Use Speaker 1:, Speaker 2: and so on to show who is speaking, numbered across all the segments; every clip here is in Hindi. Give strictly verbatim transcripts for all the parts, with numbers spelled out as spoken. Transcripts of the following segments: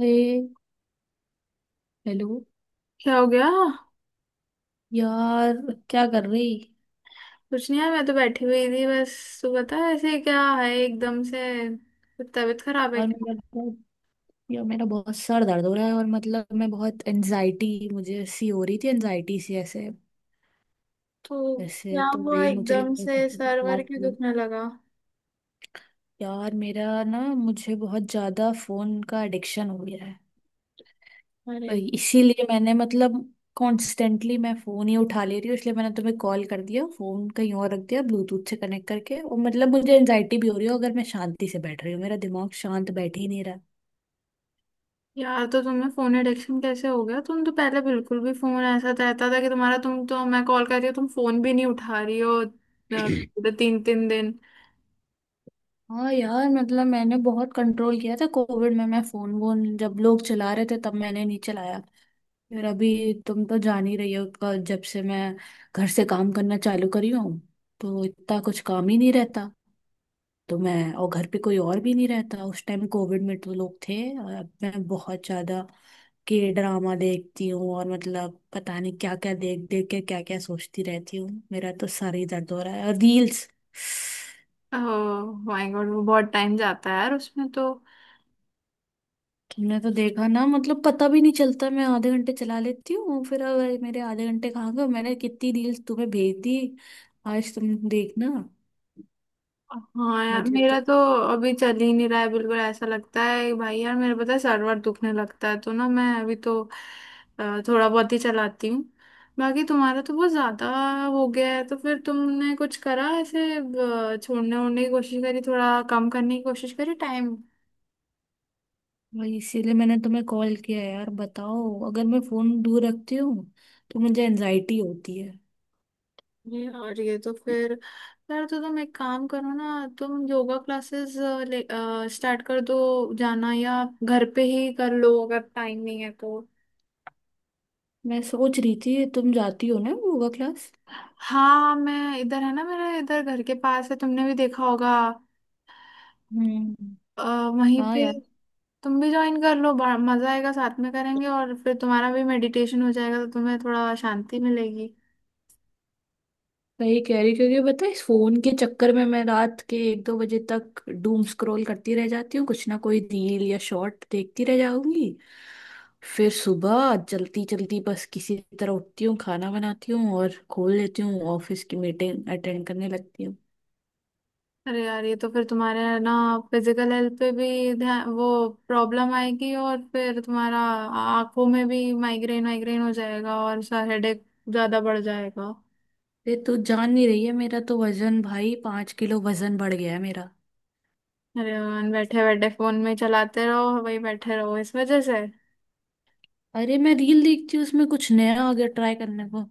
Speaker 1: हे। हेलो।
Speaker 2: क्या हो गया?
Speaker 1: यार, क्या कर रही।
Speaker 2: कुछ नहीं है, मैं तो बैठी हुई थी बस। तू बता, ऐसे क्या है एकदम से? कुछ तबीयत खराब है
Speaker 1: यार
Speaker 2: क्या?
Speaker 1: मेरा बहुत यार, मेरा बहुत सर दर्द हो रहा है और मतलब मैं बहुत एनजाइटी, मुझे सी हो रही थी, एनजाइटी सी ऐसे
Speaker 2: तो
Speaker 1: ऐसे
Speaker 2: क्या
Speaker 1: तो
Speaker 2: हुआ
Speaker 1: भी मुझे
Speaker 2: एकदम
Speaker 1: लगा
Speaker 2: से,
Speaker 1: किसी से
Speaker 2: सर्वर
Speaker 1: बात
Speaker 2: क्यों
Speaker 1: करूं।
Speaker 2: दुखने लगा?
Speaker 1: यार, मेरा ना मुझे बहुत ज्यादा फोन का एडिक्शन हो गया है।
Speaker 2: अरे
Speaker 1: तो इसीलिए मैंने मतलब कॉन्स्टेंटली मैं फोन ही उठा ले रही हूँ, इसलिए मैंने तुम्हें कॉल कर दिया, फोन कहीं और रख दिया ब्लूटूथ से कनेक्ट करके। और मतलब मुझे एनजाइटी भी हो रही हो अगर मैं शांति से बैठ रही हूँ, मेरा दिमाग शांत बैठ ही नहीं रहा।
Speaker 2: यार, तो तुम्हें फोन एडिक्शन कैसे हो गया? तुम तो पहले बिल्कुल भी फोन ऐसा रहता था कि तुम्हारा, तुम तो मैं कॉल कर रही हूँ तुम फोन भी नहीं उठा रही हो अ, पूरे तीन तीन दिन।
Speaker 1: हाँ यार, मतलब मैंने बहुत कंट्रोल किया था, कोविड में मैं फोन वोन जब लोग चला रहे थे तब मैंने नहीं चलाया। फिर अभी तुम तो जान ही रही हो, क- जब से मैं घर से काम करना चालू करी हूँ तो इतना कुछ काम ही नहीं रहता। तो मैं, और घर पे कोई और भी नहीं रहता, उस टाइम कोविड में तो लोग थे। और अब मैं बहुत ज्यादा के ड्रामा देखती हूँ और मतलब पता नहीं क्या क्या देख देख के क्या क्या सोचती रहती हूँ। मेरा तो सर ही दर्द हो रहा है। और रील्स
Speaker 2: ओह माय गॉड, वो बहुत टाइम जाता है यार उसमें तो।
Speaker 1: तुमने तो देखा ना, मतलब पता भी नहीं चलता, मैं आधे घंटे चला लेती हूँ, फिर अब मेरे आधे घंटे कहाँ गए? मैंने कितनी रील्स तुम्हें भेज दी, आज तुम देखना।
Speaker 2: हाँ यार,
Speaker 1: मुझे तो
Speaker 2: मेरा तो अभी चल ही नहीं रहा है बिल्कुल, ऐसा लगता है। भाई यार मेरा, पता है, सर वर दुखने लगता है तो ना मैं अभी तो अ, थोड़ा बहुत ही चलाती हूँ। बाकी तुम्हारा तो बहुत ज्यादा हो गया है। तो फिर तुमने कुछ करा ऐसे? अ, छोड़ने ओड़ने की कोशिश करी, थोड़ा कम करने की कोशिश करी टाइम?
Speaker 1: वही, इसीलिए मैंने तुम्हें कॉल किया यार। बताओ, अगर मैं फोन दूर रखती हूँ तो मुझे एनजाइटी होती है।
Speaker 2: ये और ये तो फिर। यार तो तुम एक काम करो ना, तुम योगा क्लासेस स्टार्ट कर दो, जाना, या घर पे ही कर लो अगर टाइम नहीं है तो।
Speaker 1: मैं सोच रही थी तुम जाती हो ना योगा क्लास।
Speaker 2: हाँ मैं इधर है ना, मेरे इधर घर के पास है, तुमने भी देखा होगा।
Speaker 1: हम्म।
Speaker 2: अ, वहीं
Speaker 1: हाँ
Speaker 2: पे
Speaker 1: यार,
Speaker 2: तुम भी ज्वाइन कर लो, बड़ा मजा आएगा, साथ में करेंगे और फिर तुम्हारा भी मेडिटेशन हो जाएगा तो तुम्हें थोड़ा शांति मिलेगी।
Speaker 1: वही कह रही क्योंकि पता है इस फोन के चक्कर में मैं रात के एक दो बजे तक डूम स्क्रॉल करती रह जाती हूँ, कुछ ना कोई रील या शॉर्ट देखती रह जाऊंगी। फिर सुबह जल्दी जल्दी बस किसी तरह उठती हूँ, खाना बनाती हूँ और खोल लेती हूँ ऑफिस की मीटिंग अटेंड करने लगती हूँ।
Speaker 2: अरे यार ये तो फिर तुम्हारे है ना, फिजिकल हेल्थ पे भी ध्यान, वो प्रॉब्लम आएगी, और फिर तुम्हारा आंखों में भी माइग्रेन वाइग्रेन हो जाएगा और सर हेडेक ज्यादा बढ़ जाएगा।
Speaker 1: ये तो जान नहीं रही है, मेरा तो वजन भाई, पाँच किलो वजन बढ़ गया है मेरा।
Speaker 2: अरे यार, बैठे बैठे फोन में चलाते रहो, वही बैठे रहो, इस वजह से।
Speaker 1: अरे मैं रील देखती हूँ उसमें कुछ नया आ गया ट्राई करने को,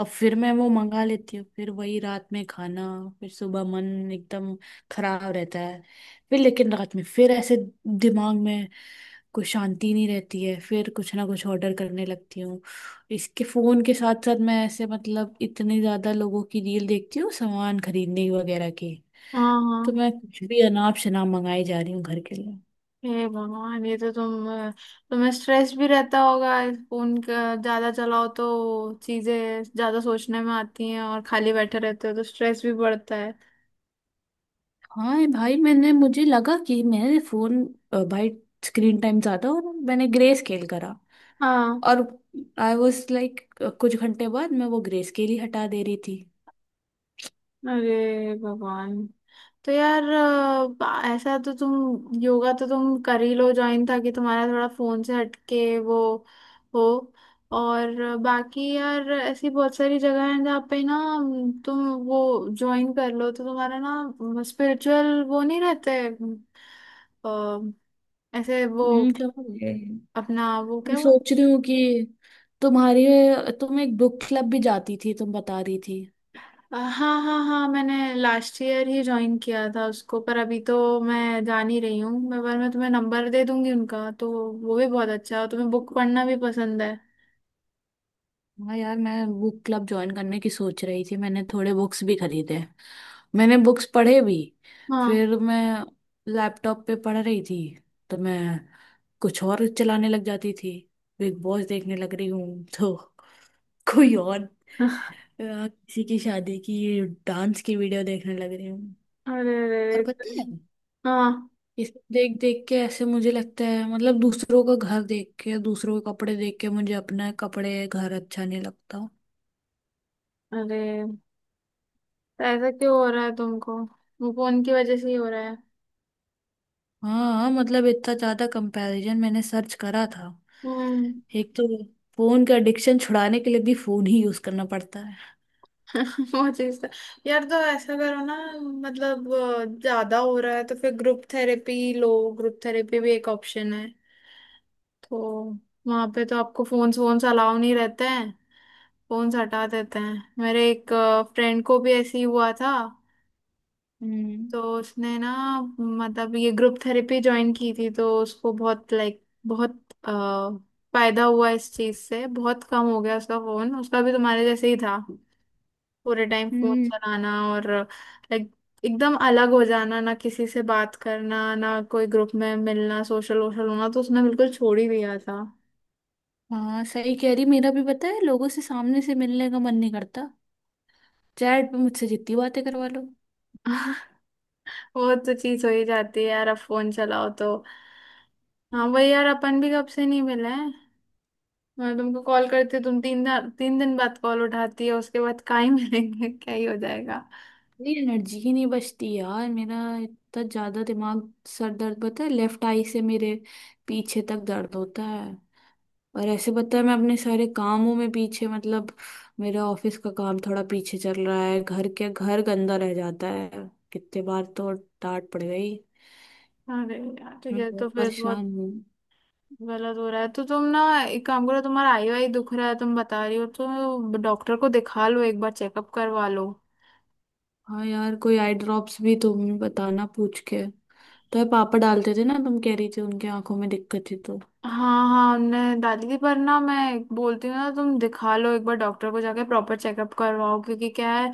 Speaker 1: अब फिर मैं वो मंगा लेती हूँ, फिर वही रात में खाना, फिर सुबह मन एकदम खराब रहता है। फिर लेकिन रात में फिर ऐसे दिमाग में कोई शांति नहीं रहती है, फिर कुछ ना कुछ ऑर्डर करने लगती हूँ। इसके फोन के साथ साथ मैं ऐसे मतलब इतनी ज्यादा लोगों की रील देखती हूँ सामान खरीदने वगैरह की,
Speaker 2: हाँ हाँ।
Speaker 1: तो मैं कुछ भी अनाप शनाप मंगाई जा रही हूँ घर के लिए।
Speaker 2: हे भगवान, ये तो तुम, तुम्हें स्ट्रेस भी रहता होगा। फोन का ज्यादा चलाओ तो चीजें ज्यादा सोचने में आती हैं, और खाली बैठे रहते हो तो स्ट्रेस भी बढ़ता है।
Speaker 1: हाँ भाई, मैंने मुझे लगा कि मेरे फोन अ, भाई स्क्रीन टाइम ज्यादा, और मैंने ग्रे स्केल करा।
Speaker 2: हाँ।
Speaker 1: और आई वॉज लाइक कुछ घंटे बाद मैं वो ग्रे स्केल ही हटा दे रही थी।
Speaker 2: अरे भगवान। तो यार, अ, बा- ऐसा तो तुम योगा तो तुम कर ही लो ज्वाइन, ताकि तुम्हारा थोड़ा फोन से हटके वो हो। और अ, बाकी यार ऐसी बहुत सारी जगह हैं जहाँ पे ना अम, तुम वो ज्वाइन कर लो तो तुम्हारा ना स्पिरिचुअल वो नहीं रहते। अम, अ, ऐसे वो,
Speaker 1: हम्म, क्या हो गया?
Speaker 2: अपना वो
Speaker 1: मैं
Speaker 2: क्या वो।
Speaker 1: सोच रही हूँ कि तुम्हारी, तुम एक बुक क्लब भी जाती थी, तुम बता रही थी।
Speaker 2: अ, हाँ हाँ हाँ, मैंने लास्ट ईयर ही ज्वाइन किया था उसको, पर अभी तो मैं जा नहीं रही हूँ मैं, पर मैं तुम्हें नंबर दे दूंगी उनका तो। वो भी बहुत अच्छा है और तुम्हें बुक पढ़ना भी पसंद है।
Speaker 1: हाँ यार, मैं बुक क्लब ज्वाइन करने की सोच रही थी, मैंने थोड़े बुक्स भी खरीदे, मैंने बुक्स पढ़े भी।
Speaker 2: हाँ।
Speaker 1: फिर मैं लैपटॉप पे पढ़ रही थी तो मैं कुछ और चलाने लग जाती थी। बिग बॉस देखने लग रही हूँ तो कोई और अ, किसी की शादी की डांस की वीडियो देखने लग रही हूँ।
Speaker 2: अरे अरे
Speaker 1: और पता
Speaker 2: तुम।
Speaker 1: है
Speaker 2: हाँ।
Speaker 1: ये सब देख देख के ऐसे मुझे लगता है, मतलब दूसरों का घर देख के, दूसरों के कपड़े देख के, मुझे अपना कपड़े घर अच्छा नहीं लगता।
Speaker 2: अरे तो ऐसा क्यों हो रहा है तुमको? वो फोन की वजह से ही हो रहा है।
Speaker 1: हाँ, मतलब इतना ज्यादा कंपैरिजन, मैंने सर्च करा था।
Speaker 2: हम्म।
Speaker 1: एक तो फोन का एडिक्शन छुड़ाने के लिए भी फोन ही यूज करना पड़ता है।
Speaker 2: वो चीज तो। यार तो ऐसा करो ना, मतलब अ, ज्यादा हो रहा है तो फिर ग्रुप थेरेपी लो, ग्रुप थेरेपी भी एक ऑप्शन है। तो वहां पे तो आपको फोन्स वोन्स अलाउ नहीं रहते हैं, फोन्स हटा देते हैं। मेरे एक फ्रेंड को भी ऐसे ही हुआ था
Speaker 1: हम्म।
Speaker 2: तो उसने ना, मतलब ये ग्रुप थेरेपी ज्वाइन की थी, तो उसको बहुत, लाइक, बहुत अ, फायदा हुआ इस चीज से। बहुत कम हो गया उसका फोन, उसका भी तुम्हारे जैसे ही था, पूरे टाइम फोन
Speaker 1: हम्म।
Speaker 2: चलाना और लाइक एकदम अलग हो जाना, ना किसी से बात करना, ना कोई ग्रुप में मिलना, सोशल वोशल होना। तो उसने बिल्कुल छोड़ ही दिया था।
Speaker 1: हाँ सही कह रही, मेरा भी पता है लोगों से सामने से मिलने का मन नहीं करता, चैट पे मुझसे जितनी बातें करवा लो।
Speaker 2: वो तो चीज हो ही जाती है यार, अब फोन चलाओ तो। हाँ वही यार, अपन भी कब से नहीं मिले हैं। मैं तुमको कॉल करती हूँ, तुम तीन दिन तीन दिन बाद कॉल उठाती है, उसके बाद कहाँ ही मिलेंगे? क्या ही हो जाएगा।
Speaker 1: मेरी एनर्जी ही नहीं बचती यार, मेरा इतना ज्यादा दिमाग, सर दर्द, पता है लेफ्ट आई से मेरे पीछे तक दर्द होता है। और ऐसे पता है मैं अपने सारे कामों में पीछे, मतलब मेरा ऑफिस का काम थोड़ा पीछे चल रहा है, घर के घर गंदा रह जाता है, कितने बार तो डांट पड़ गई।
Speaker 2: अरे यार ठीक
Speaker 1: मैं
Speaker 2: है, तो
Speaker 1: बहुत
Speaker 2: फिर बहुत
Speaker 1: परेशान हूँ।
Speaker 2: गलत हो रहा है तो तुम ना एक काम करो, तुम्हारा आई वाई दुख रहा है तुम बता रही हो, तो डॉक्टर को दिखा लो, एक बार चेकअप करवा लो।
Speaker 1: हाँ यार, कोई आई ड्रॉप्स भी तुम बताना पूछ के, तो ये पापा डालते थे ना, तुम कह रही थी उनके आंखों में दिक्कत थी तो।
Speaker 2: हाँ हाँ, हमने डाली थी, पर ना मैं बोलती हूँ ना, तुम दिखा लो एक बार डॉक्टर को, जाके प्रॉपर चेकअप करवाओ, क्योंकि क्या है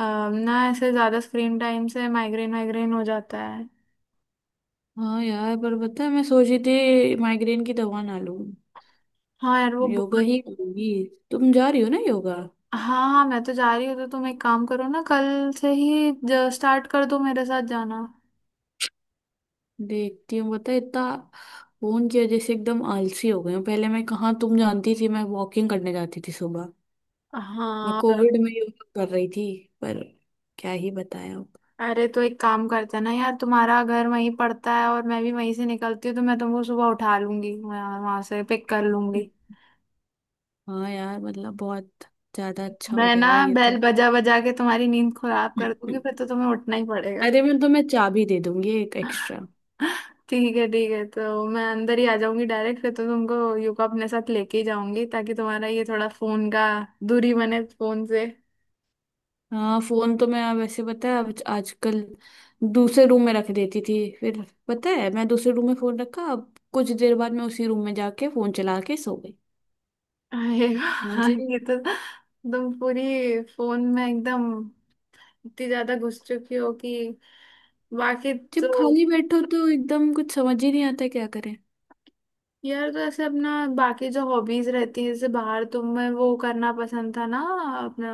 Speaker 2: अम, ना ऐसे ज्यादा स्क्रीन टाइम से माइग्रेन वाइग्रेन हो जाता है।
Speaker 1: हाँ यार, पर पता है मैं सोची थी माइग्रेन की दवा ना लूं,
Speaker 2: हाँ यार वो
Speaker 1: योगा
Speaker 2: बहुत।
Speaker 1: ही करूंगी। तुम जा रही हो ना योगा।
Speaker 2: हाँ हाँ मैं तो जा रही हूँ, तो तुम एक काम करो ना, कल से ही स्टार्ट कर दो, मेरे साथ जाना।
Speaker 1: देखती हूँ, पता है इतना फोन की वजह से एकदम आलसी हो गई हूँ, पहले मैं कहाँ, तुम जानती थी मैं वॉकिंग करने जाती थी सुबह। मैं
Speaker 2: हाँ।
Speaker 1: कोविड में योगा कर रही थी, पर क्या ही बताया अब।
Speaker 2: अरे तो एक काम करते हैं ना यार, तुम्हारा घर वहीं पड़ता है और मैं भी वहीं से निकलती हूँ, तो मैं तुमको सुबह उठा लूंगी, वहाँ वहाँ से पिक कर
Speaker 1: हम्म।
Speaker 2: लूंगी।
Speaker 1: हाँ यार, मतलब बहुत ज्यादा अच्छा हो
Speaker 2: मैं ना
Speaker 1: जाएगा ये
Speaker 2: बेल
Speaker 1: तो।
Speaker 2: बजा बजा के तुम्हारी नींद खराब कर दूंगी, फिर तो तुम्हें उठना ही पड़ेगा।
Speaker 1: अरे मैं तुम्हें चाबी दे दूंगी एक एक्स्ट्रा।
Speaker 2: ठीक है ठीक है, तो मैं अंदर ही आ जाऊंगी डायरेक्ट, फिर तो तुमको यूको अपने साथ लेके ही जाऊंगी, ताकि तुम्हारा ये थोड़ा फोन का दूरी बने फोन से।
Speaker 1: हाँ फोन तो मैं वैसे पता है आज- आजकल दूसरे रूम में रख देती थी। फिर पता है मैं दूसरे रूम में फोन रखा, अब कुछ देर बाद मैं उसी रूम में जाके फोन चला के सो गई।
Speaker 2: अरे वाह,
Speaker 1: मुझे
Speaker 2: ये तो, तुम पूरी फोन में एकदम इतनी ज्यादा घुस चुकी हो कि बाकी। तो
Speaker 1: जब खाली बैठो तो एकदम कुछ समझ ही नहीं आता क्या करें।
Speaker 2: यार तो ऐसे अपना बाकी जो हॉबीज रहती है, जैसे बाहर तुम्हें वो करना पसंद था ना, अपना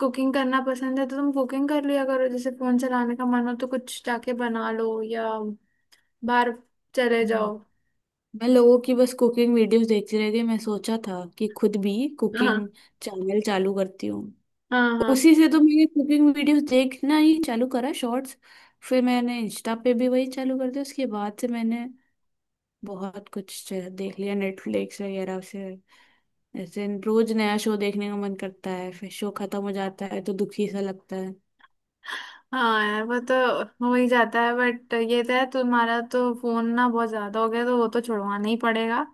Speaker 2: कुकिंग करना पसंद है, तो तुम कुकिंग कर लिया करो, जैसे फोन चलाने का मन हो तो कुछ जाके बना लो, या बाहर चले
Speaker 1: हम्म।
Speaker 2: जाओ।
Speaker 1: मैं लोगों की बस कुकिंग वीडियोस देखती रह गई, मैं सोचा था कि खुद भी कुकिंग
Speaker 2: हाँ
Speaker 1: चैनल चालू करती हूँ।
Speaker 2: हाँ। हाँ
Speaker 1: उसी से तो मैंने कुकिंग वीडियोस देखना ही चालू करा शॉर्ट्स, फिर मैंने इंस्टा पे भी वही चालू कर दिया। उसके बाद से मैंने बहुत कुछ देख लिया नेटफ्लिक्स वगैरह से। ऐसे रोज नया शो देखने का मन करता है, फिर शो खत्म हो जाता है तो दुखी सा लगता है।
Speaker 2: हाँ यार वो तो हो ही जाता है, बट ये तो है तुम्हारा, तो फोन ना बहुत ज्यादा हो गया तो वो तो छुड़वाना ही पड़ेगा।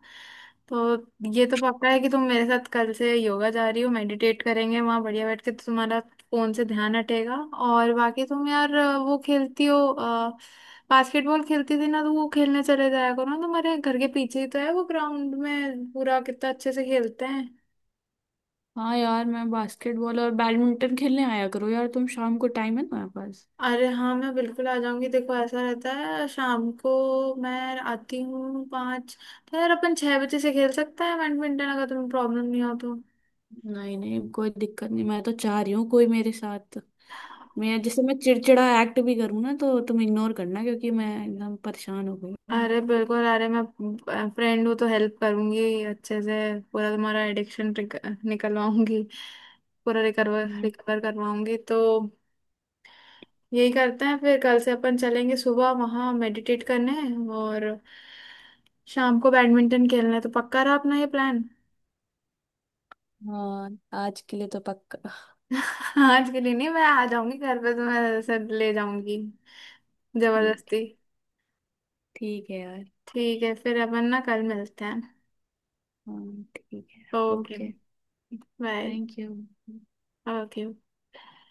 Speaker 2: तो ये तो पक्का है कि तुम मेरे साथ कल से योगा जा रही हो, मेडिटेट करेंगे वहां बढ़िया बैठ के, तो तुम्हारा फोन से ध्यान हटेगा। और बाकी तुम यार वो खेलती हो, बास्केटबॉल खेलती थी ना, तो वो खेलने चले जाया करो ना, तुम्हारे घर के पीछे ही तो है वो ग्राउंड, में पूरा कितना अच्छे से खेलते हैं।
Speaker 1: हाँ यार, मैं बास्केटबॉल और बैडमिंटन खेलने आया करो यार, तुम शाम को टाइम है तुम्हारे पास?
Speaker 2: अरे हाँ मैं बिल्कुल आ जाऊंगी, देखो ऐसा रहता है, शाम को मैं आती हूँ पाँच, तो यार अपन छह बजे से खेल सकते हैं बैडमिंटन, अगर तुम्हें प्रॉब्लम नहीं हो तो।
Speaker 1: नहीं नहीं, कोई दिक्कत नहीं, मैं तो चाह रही हूँ कोई मेरे साथ। मैं जैसे मैं चिड़चिड़ा एक्ट भी करूँ ना तो तुम इग्नोर करना, क्योंकि मैं एकदम परेशान हो गई हूँ।
Speaker 2: अरे बिल्कुल, अरे मैं फ्रेंड हूँ तो हेल्प करूंगी अच्छे से, पूरा तुम्हारा एडिक्शन निकलवाऊंगी, पूरा रिकवर
Speaker 1: हम्म।
Speaker 2: रिकवर करवाऊंगी तो। यही करते हैं फिर, कल से अपन चलेंगे सुबह वहाँ मेडिटेट करने, और शाम को बैडमिंटन खेलना है, तो पक्का रहा अपना ये प्लान।
Speaker 1: हाँ, आज के लिए तो पक्का।
Speaker 2: आज के लिए नहीं, मैं आ जाऊंगी घर पे तो मैं सर ले जाऊंगी
Speaker 1: ठीक
Speaker 2: जबरदस्ती।
Speaker 1: है। ठीक है यार।
Speaker 2: ठीक है फिर, अपन ना कल मिलते हैं।
Speaker 1: हाँ ठीक है।
Speaker 2: Okay.
Speaker 1: Okay.
Speaker 2: Bye.
Speaker 1: Thank you.
Speaker 2: Okay.